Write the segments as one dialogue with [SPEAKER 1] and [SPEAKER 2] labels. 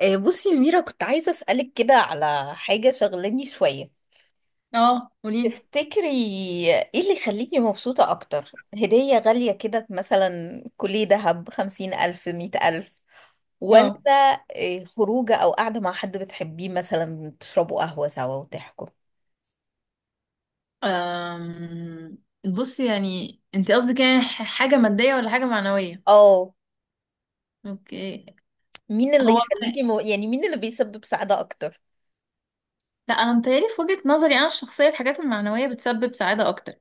[SPEAKER 1] بصي يا ميرا، كنت عايزة أسألك كده على حاجة شغلاني شوية.
[SPEAKER 2] اه قولي.
[SPEAKER 1] تفتكري ايه اللي يخليكي مبسوطة أكتر؟ هدية غالية كده مثلا كلية دهب، 50,000، 100,000، ولا
[SPEAKER 2] اه،
[SPEAKER 1] خروجة أو قاعدة مع حد بتحبيه، مثلا تشربوا قهوة سوا وتحكوا؟
[SPEAKER 2] أم... بصي. يعني انت قصدك حاجة مادية ولا حاجة معنوية؟
[SPEAKER 1] اه.
[SPEAKER 2] اوكي.
[SPEAKER 1] مين اللي
[SPEAKER 2] هو
[SPEAKER 1] يخليكي يعني مين اللي بيسبب سعادة أكتر؟
[SPEAKER 2] لا، انا متهيألي في وجهة نظري انا الشخصية الحاجات المعنوية بتسبب سعادة اكتر.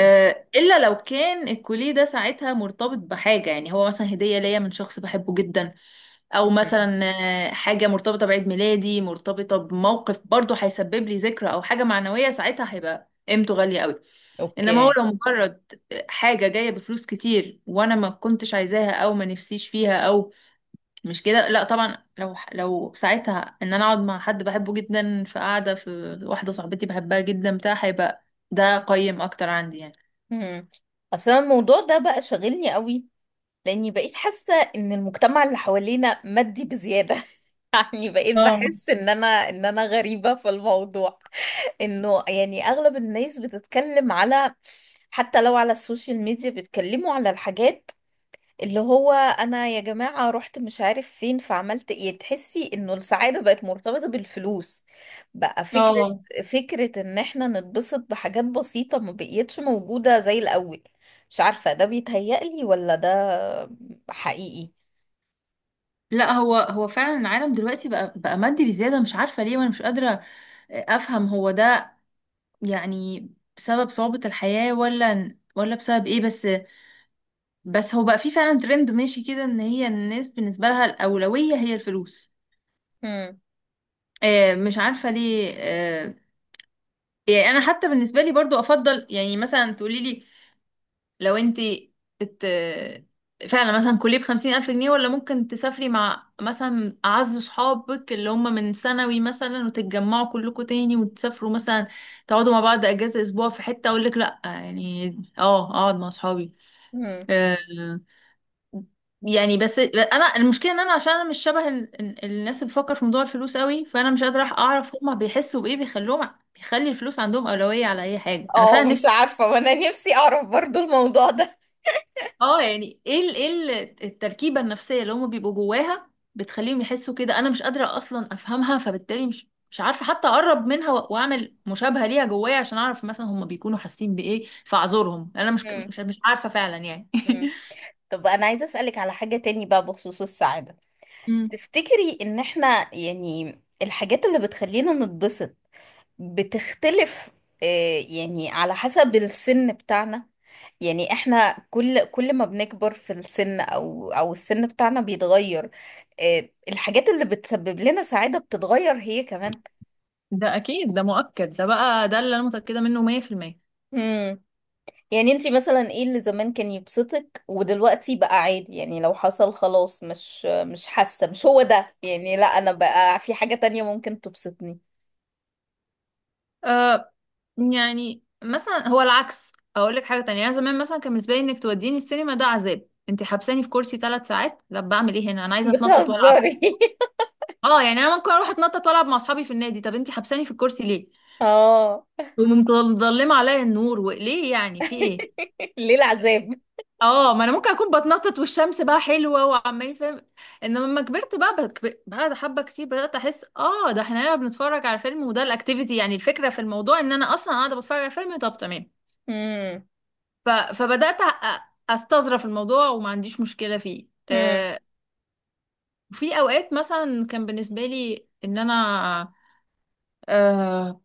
[SPEAKER 1] أوكي.
[SPEAKER 2] الا لو كان الكوليه ده ساعتها مرتبط بحاجه، يعني هو مثلا هديه ليا من شخص بحبه جدا، او مثلا حاجه مرتبطه بعيد ميلادي، مرتبطه بموقف برضه هيسبب لي ذكرى او حاجه معنويه، ساعتها هيبقى قيمته غاليه قوي. انما هو
[SPEAKER 1] أوكي.
[SPEAKER 2] لو مجرد حاجه جايه بفلوس كتير وانا ما كنتش عايزاها او ما نفسيش فيها، او مش كده، لا طبعا. لو ساعتها ان انا اقعد مع حد بحبه جدا في قعده، في واحده صاحبتي بحبها جدا بتاع، هيبقى ده قيم اكتر عندي يعني.
[SPEAKER 1] مم. أصل أنا الموضوع ده بقى شاغلني قوي، لاني بقيت حاسه ان المجتمع اللي حوالينا مادي بزياده. يعني بقيت
[SPEAKER 2] اه.
[SPEAKER 1] بحس ان انا غريبه في الموضوع، انه يعني اغلب الناس بتتكلم على، حتى لو على السوشيال ميديا، بيتكلموا على الحاجات، اللي هو انا يا جماعة رحت مش عارف فين فعملت ايه. تحسي انه السعادة بقت مرتبطة بالفلوس، بقى فكرة.
[SPEAKER 2] اه،
[SPEAKER 1] ان احنا نتبسط بحاجات بسيطة ما بقيتش موجودة زي الاول. مش عارفة، ده بيتهيألي ولا ده حقيقي؟
[SPEAKER 2] لا هو فعلا العالم دلوقتي بقى مادي بزياده، مش عارفه ليه، وانا مش قادره افهم هو ده يعني بسبب صعوبه الحياه ولا بسبب ايه. بس بس هو بقى في فعلا ترند ماشي كده، ان هي الناس بالنسبه لها الاولويه هي الفلوس.
[SPEAKER 1] مم.
[SPEAKER 2] آه، مش عارفه ليه. آه، يعني انا حتى بالنسبه لي برضو افضل. يعني مثلا تقولي لي، لو ات... فعلا مثلا كلية بخمسين ألف جنيه، ولا ممكن تسافري مع مثلا أعز صحابك اللي هم من ثانوي مثلا، وتتجمعوا كلكم تاني وتسافروا مثلا، تقعدوا مع بعض أجازة أسبوع في حتة، أقول لك لأ يعني، اه أقعد مع صحابي.
[SPEAKER 1] مم.
[SPEAKER 2] آه، يعني بس أنا المشكلة إن أنا، عشان أنا مش شبه الناس اللي بتفكر في موضوع الفلوس قوي، فأنا مش قادرة أعرف هما بيحسوا بإيه بيخلوهم، بيخلي الفلوس عندهم أولوية على أي حاجة. أنا
[SPEAKER 1] اه،
[SPEAKER 2] فعلا
[SPEAKER 1] مش
[SPEAKER 2] نفسي،
[SPEAKER 1] عارفة، وانا نفسي اعرف برضو الموضوع ده.
[SPEAKER 2] اه، يعني التركيبة النفسية اللي هم بيبقوا جواها بتخليهم يحسوا كده، انا مش قادرة اصلا افهمها، فبالتالي مش عارفة حتى اقرب منها واعمل مشابهة ليها جوايا عشان اعرف مثلا هم بيكونوا حاسين بايه فاعذرهم. يعني انا مش
[SPEAKER 1] مم.
[SPEAKER 2] مش مش عارفة فعلا يعني
[SPEAKER 1] مم. طب انا عايزة اسألك على حاجة تاني بقى بخصوص السعادة.
[SPEAKER 2] مم.
[SPEAKER 1] تفتكري ان احنا يعني الحاجات اللي بتخلينا نتبسط بتختلف، يعني على حسب السن بتاعنا؟ يعني احنا كل ما بنكبر في السن، او السن بتاعنا بيتغير، الحاجات اللي بتسبب لنا سعادة بتتغير هي كمان.
[SPEAKER 2] ده اكيد، ده مؤكد، ده بقى ده اللي انا متأكدة منه 100%.
[SPEAKER 1] امم. يعني انتي مثلا ايه اللي زمان كان يبسطك ودلوقتي بقى عادي؟ يعني لو حصل خلاص مش حاسة مش هو ده، يعني لا انا بقى في حاجة تانية ممكن تبسطني.
[SPEAKER 2] آه، يعني مثلا هو العكس اقول لك حاجه تانية. انا زمان مثلا كان بالنسبه لي انك توديني السينما ده عذاب. انت حبساني في كرسي ثلاث ساعات، لا بعمل ايه هنا، انا عايزه اتنطط والعب.
[SPEAKER 1] بتهزري؟
[SPEAKER 2] اه، يعني انا ممكن اروح اتنطط والعب مع اصحابي في النادي، طب انتي حبساني في الكرسي ليه،
[SPEAKER 1] اه.
[SPEAKER 2] ومظلمه عليا النور، وليه يعني، في ايه؟
[SPEAKER 1] ليه العذاب؟
[SPEAKER 2] اه، ما انا ممكن اكون بتنطط والشمس بقى حلوه وعمالين فاهم. انما لما كبرت بقى بعد حبه كتير بدات احس، اه ده احنا هنا بنتفرج على فيلم وده الاكتيفيتي، يعني الفكره في الموضوع ان انا اصلا قاعده بتفرج على فيلم، طب تمام. ف... فبدات أ- استظرف الموضوع وما عنديش مشكله فيه.
[SPEAKER 1] امم.
[SPEAKER 2] آه، في اوقات مثلا كان بالنسبه لي ان انا، آه،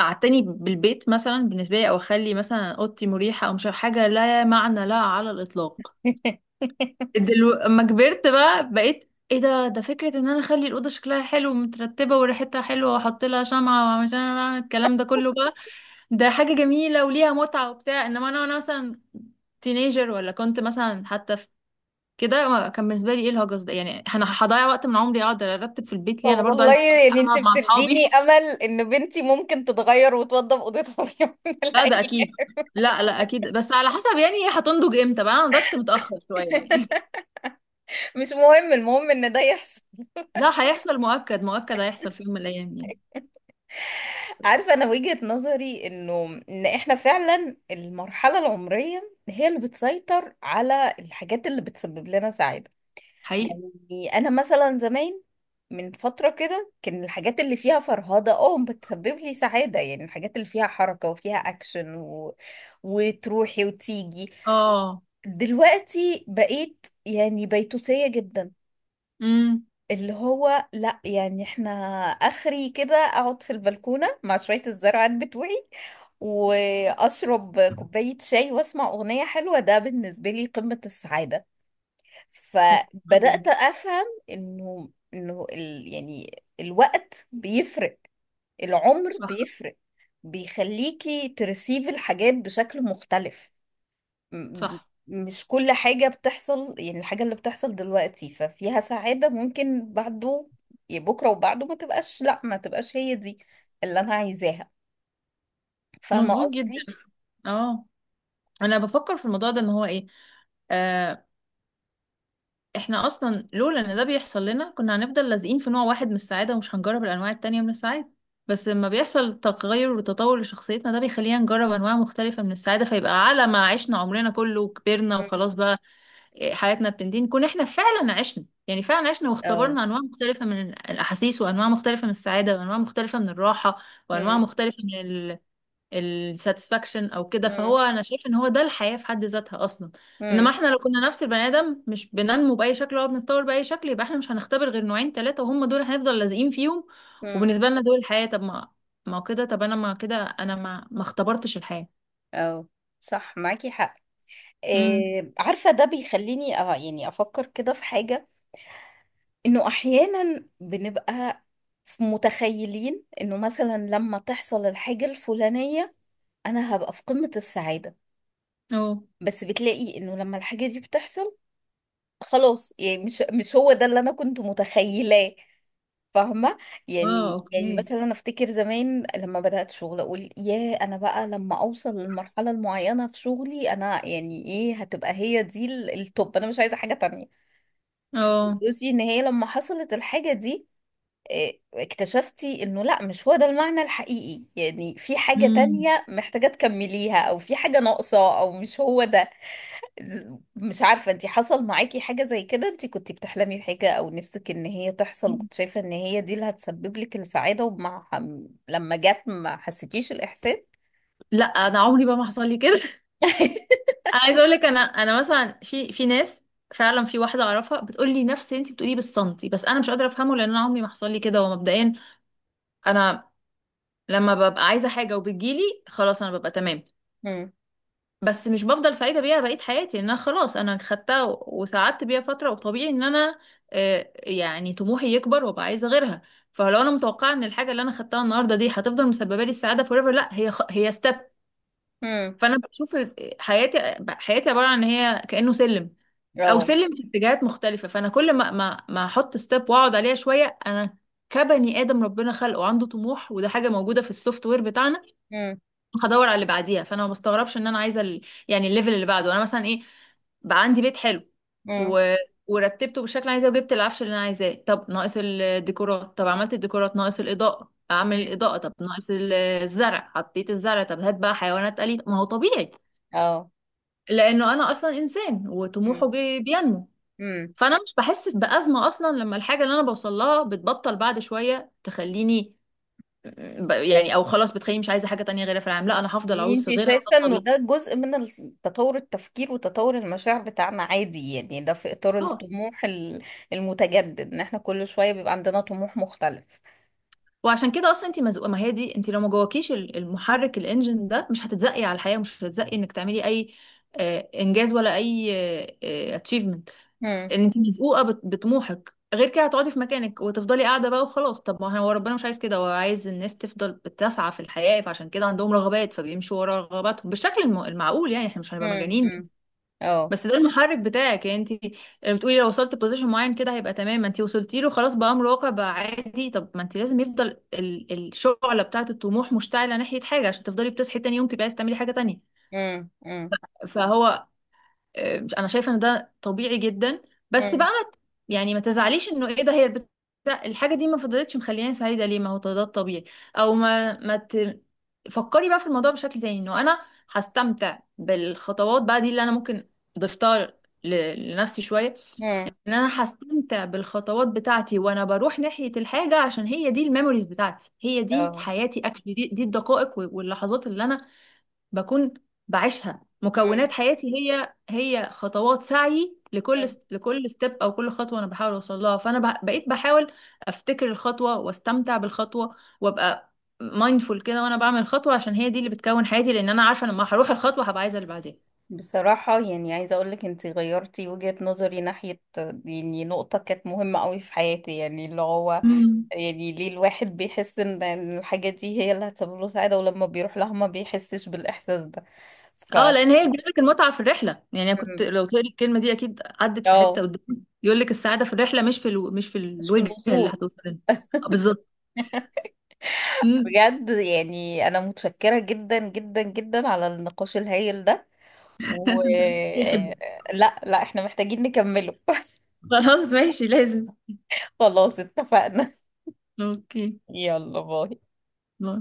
[SPEAKER 2] اعتني بالبيت مثلا بالنسبه لي، او اخلي مثلا اوضتي مريحه، او مش عارف، حاجه لا معنى لها على الاطلاق. اما كبرت بقى، بقيت ايه، ده فكره ان انا اخلي الاوضه شكلها حلو ومترتبه وريحتها حلوه، واحط لها شمعه، واعمل الكلام ده كله بقى، ده حاجه جميله وليها متعه وبتاع. انما انا، وانا مثلا تينيجر، ولا كنت مثلا حتى في كده كان بالنسبه لي ايه الهجس ده؟ يعني انا هضيع وقت من عمري اقعد ارتب في البيت ليه، انا
[SPEAKER 1] طب
[SPEAKER 2] برضو
[SPEAKER 1] والله،
[SPEAKER 2] عايزه أروح
[SPEAKER 1] يعني انت
[SPEAKER 2] العب مع اصحابي.
[SPEAKER 1] بتديني امل ان بنتي ممكن تتغير وتوضب اوضتها في يوم من
[SPEAKER 2] لا ده
[SPEAKER 1] الايام.
[SPEAKER 2] اكيد. لا اكيد، بس على حسب يعني هي هتنضج امتى بقى، انا نضجت متاخر شويه يعني.
[SPEAKER 1] مش مهم، المهم ان ده يحصل.
[SPEAKER 2] لا هيحصل، مؤكد، مؤكد هيحصل في يوم من الايام يعني.
[SPEAKER 1] عارفه، انا وجهة نظري انه ان احنا فعلا المرحله العمريه هي اللي بتسيطر على الحاجات اللي بتسبب لنا سعاده.
[SPEAKER 2] حقيقي.
[SPEAKER 1] يعني انا مثلا زمان، من فتره كده، كان الحاجات اللي فيها فرهده، اه، بتسبب لي سعاده، يعني الحاجات اللي فيها حركه وفيها اكشن وتروحي وتيجي.
[SPEAKER 2] اه.
[SPEAKER 1] دلوقتي بقيت يعني بيتوتية جدا،
[SPEAKER 2] امم.
[SPEAKER 1] اللي هو لا يعني احنا اخري كده اقعد في البلكونة مع شوية الزرعات بتوعي، واشرب كوباية شاي، واسمع اغنية حلوة، ده بالنسبة لي قمة السعادة.
[SPEAKER 2] فعلاً.
[SPEAKER 1] فبدأت افهم انه انه ال يعني الوقت بيفرق، العمر
[SPEAKER 2] صح.
[SPEAKER 1] بيفرق، بيخليكي ترسيف الحاجات بشكل مختلف. م-
[SPEAKER 2] صح.
[SPEAKER 1] مش كل حاجة بتحصل، يعني الحاجة اللي بتحصل دلوقتي ففيها سعادة، ممكن بعده يعني بكرة وبعده ما تبقاش، لا ما تبقاش هي دي اللي أنا عايزاها. فاهمة
[SPEAKER 2] مظبوط جدا.
[SPEAKER 1] قصدي؟
[SPEAKER 2] اه، انا بفكر في الموضوع ده ان هو ايه، آه، احنا اصلا لولا ان ده بيحصل لنا كنا هنفضل لازقين في نوع واحد من السعادة، ومش هنجرب الانواع التانية من السعادة. بس لما بيحصل تغير وتطور لشخصيتنا، ده بيخلينا نجرب انواع مختلفة من السعادة، فيبقى على ما عشنا عمرنا كله وكبرنا
[SPEAKER 1] مم.
[SPEAKER 2] وخلاص بقى، إيه، حياتنا بتنتهي، نكون احنا فعلا عشنا، يعني فعلا عشنا
[SPEAKER 1] أو.
[SPEAKER 2] واختبرنا انواع مختلفة من الاحاسيس، وانواع مختلفة من السعادة، وانواع مختلفة من الراحة، وانواع
[SPEAKER 1] مم.
[SPEAKER 2] مختلفة من الساتسفاكشن او كده.
[SPEAKER 1] مم.
[SPEAKER 2] فهو انا شايف ان هو ده الحياة في حد ذاتها اصلا.
[SPEAKER 1] مم.
[SPEAKER 2] انما احنا لو كنا نفس البني ادم، مش بننمو باي شكل ولا بنتطور باي شكل، يبقى احنا مش هنختبر غير نوعين ثلاثة وهم دول هنفضل لازقين فيهم،
[SPEAKER 1] مم.
[SPEAKER 2] وبالنسبة لنا دول الحياة. طب ما، ما هو كده، طب انا ما كده انا ما اختبرتش الحياة.
[SPEAKER 1] أو، صح، معاكي حق.
[SPEAKER 2] امم.
[SPEAKER 1] إيه، عارفة ده بيخليني أه يعني أفكر كده في حاجة، إنه أحيانا بنبقى متخيلين إنه مثلا لما تحصل الحاجة الفلانية أنا هبقى في قمة السعادة،
[SPEAKER 2] اه.
[SPEAKER 1] بس بتلاقي انه لما الحاجة دي بتحصل، خلاص يعني مش مش هو ده اللي انا كنت متخيلاه. فاهمة؟
[SPEAKER 2] اه.
[SPEAKER 1] يعني يعني
[SPEAKER 2] اوكي.
[SPEAKER 1] مثلا انا افتكر زمان لما بدأت شغل اقول يا انا بقى لما اوصل للمرحلة المعينة في شغلي، انا يعني ايه، هتبقى هي دي التوب، انا مش عايزة حاجة تانية.
[SPEAKER 2] اه.
[SPEAKER 1] فبصي ان هي لما حصلت الحاجة دي، اكتشفتي انه لا مش هو ده المعنى الحقيقي، يعني في حاجة
[SPEAKER 2] امم.
[SPEAKER 1] تانية محتاجة تكمليها، او في حاجة ناقصة، او مش هو ده. مش عارفة انتي حصل معاكي حاجة زي كده؟ انتي كنتي بتحلمي بحاجة او نفسك ان هي تحصل وكنت شايفة ان هي دي اللي هتسبب لك السعادة، ومع لما جت ما حسيتيش الاحساس؟
[SPEAKER 2] لا انا عمري بقى ما حصل لي كده. انا عايزه اقول لك، انا مثلا في ناس، فعلا في واحده اعرفها بتقول لي نفس اللي انت بتقوليه بالسنتي، بس انا مش قادره افهمه، لان انا عمري ما حصل لي كده. ومبدئيا انا لما ببقى عايزه حاجه وبتجيلي، خلاص انا ببقى تمام.
[SPEAKER 1] امم.
[SPEAKER 2] بس مش بفضل سعيده بيها بقيه حياتي، لان انا خلاص انا خدتها وسعدت بيها فتره، وطبيعي ان انا، يعني طموحي يكبر وابقى عايزه غيرها. فلو انا متوقعه ان الحاجه اللي انا خدتها النهارده دي هتفضل مسببه لي السعاده فور ايفر، لا هي ستيب.
[SPEAKER 1] امم.
[SPEAKER 2] فانا بشوف حياتي، حياتي عباره عن ان هي كانه سلم، او
[SPEAKER 1] اه.
[SPEAKER 2] سلم في اتجاهات مختلفه. فانا كل ما ما احط ستيب واقعد عليها شويه، انا كبني ادم ربنا خلقه عنده طموح، وده حاجه موجوده في السوفت وير بتاعنا،
[SPEAKER 1] امم.
[SPEAKER 2] هدور على اللي بعديها. فانا ما بستغربش ان انا عايزه يعني الليفل اللي بعده. انا مثلا ايه، بقى عندي بيت حلو،
[SPEAKER 1] امم.
[SPEAKER 2] و... ورتبته بالشكل اللي عايزاه وجبت العفش اللي انا عايزاه، طب ناقص الديكورات، طب عملت الديكورات، ناقص الاضاءه، اعمل
[SPEAKER 1] امم.
[SPEAKER 2] الاضاءه، طب ناقص الزرع، حطيت الزرع، طب هات بقى حيوانات اليفه، ما هو طبيعي
[SPEAKER 1] اه.
[SPEAKER 2] لانه انا اصلا انسان
[SPEAKER 1] امم.
[SPEAKER 2] وطموحه بينمو.
[SPEAKER 1] امم.
[SPEAKER 2] فانا مش بحس بازمه اصلا لما الحاجه اللي انا بوصل لها بتبطل بعد شويه تخليني يعني، او خلاص بتخليني مش عايزه حاجه تانية غيرها في العالم، لا انا هفضل
[SPEAKER 1] يعني
[SPEAKER 2] اعوز
[SPEAKER 1] انتي
[SPEAKER 2] غيرها، ده
[SPEAKER 1] شايفة انه
[SPEAKER 2] الطبيعي.
[SPEAKER 1] ده جزء من تطور التفكير وتطور المشاعر بتاعنا عادي، يعني ده في اطار
[SPEAKER 2] اه،
[SPEAKER 1] الطموح المتجدد، ان احنا كل شوية بيبقى عندنا طموح مختلف؟
[SPEAKER 2] وعشان كده اصلا انت مزقوقه. ما هي دي، انت لو ما جواكيش المحرك الانجن ده، مش هتتزقي على الحياه، مش هتتزقي انك تعملي اي انجاز ولا اي اتشيفمنت.
[SPEAKER 1] امم.
[SPEAKER 2] ان انت مزقوقه بطموحك، غير كده هتقعدي في مكانك وتفضلي قاعده بقى وخلاص. طب ما هو ربنا مش عايز كده، هو عايز الناس تفضل بتسعى في الحياه، فعشان كده عندهم رغبات، فبيمشوا ورا رغباتهم بالشكل المعقول، يعني احنا مش هنبقى
[SPEAKER 1] امم.
[SPEAKER 2] مجانين.
[SPEAKER 1] امم.
[SPEAKER 2] بس
[SPEAKER 1] اه.
[SPEAKER 2] بس ده المحرك بتاعك يعني. انت بتقولي لو وصلت بوزيشن معين كده هيبقى تمام، ما انت وصلتي له خلاص، بقى امر واقع، بقى عادي. طب ما انت لازم يفضل الشعله بتاعه الطموح مشتعله ناحيه حاجه، عشان تفضلي بتصحي تاني يوم تبقى عايزه تعملي حاجه تانيه.
[SPEAKER 1] مم. مم.
[SPEAKER 2] فهو، مش انا شايفه ان ده طبيعي جدا. بس بقى
[SPEAKER 1] مم.
[SPEAKER 2] ما ت- يعني ما تزعليش انه ايه ده، الحاجه دي ما فضلتش مخلياني سعيده ليه، ما هو ده الطبيعي. او ما ما ت... فكري بقى في الموضوع بشكل تاني، انه انا هستمتع بالخطوات بقى دي اللي انا ممكن ضفتها لنفسي شويه،
[SPEAKER 1] مم.
[SPEAKER 2] ان انا هستمتع بالخطوات بتاعتي وانا بروح ناحيه الحاجه، عشان هي دي الميموريز بتاعتي، هي دي
[SPEAKER 1] اه.
[SPEAKER 2] حياتي اكشلي، دي الدقائق واللحظات اللي انا بكون بعيشها،
[SPEAKER 1] مم.
[SPEAKER 2] مكونات حياتي هي هي خطوات سعي. لكل
[SPEAKER 1] مم.
[SPEAKER 2] لكل ستيب او كل خطوه انا بحاول اوصل لها، فانا بقيت بحاول افتكر الخطوه واستمتع بالخطوه، وابقى مايندفول كده وانا بعمل الخطوه، عشان هي دي اللي بتكون حياتي، لان انا عارفه لما هروح الخطوه هبقى عايزه اللي بعدين.
[SPEAKER 1] بصراحة يعني عايزة أقولك أنتي غيرتي وجهة نظري ناحية يعني نقطة كانت مهمة قوي في حياتي، يعني اللي هو
[SPEAKER 2] امم.
[SPEAKER 1] يعني ليه الواحد بيحس إن الحاجة دي هي اللي هتسبب له سعادة، ولما بيروح لها ما بيحسش بالإحساس ده؟ ف
[SPEAKER 2] اه، لان هي بيقولك المتعه في الرحله. يعني أنا كنت
[SPEAKER 1] مم.
[SPEAKER 2] لو تقولي الكلمه دي اكيد عدت في حته
[SPEAKER 1] اه.
[SPEAKER 2] قدامي يقولك السعاده في الرحله، مش في مش في
[SPEAKER 1] مش في
[SPEAKER 2] الوجهه اللي
[SPEAKER 1] الوصول.
[SPEAKER 2] هتوصل لها. آه، بالظبط. مم.
[SPEAKER 1] بجد يعني أنا متشكرة جدا جدا جدا على النقاش الهايل ده، و آه، لا لا، احنا محتاجين نكمله.
[SPEAKER 2] خلاص ماشي، لازم.
[SPEAKER 1] خلاص اتفقنا.
[SPEAKER 2] اوكي.
[SPEAKER 1] يلا، باي.
[SPEAKER 2] باي.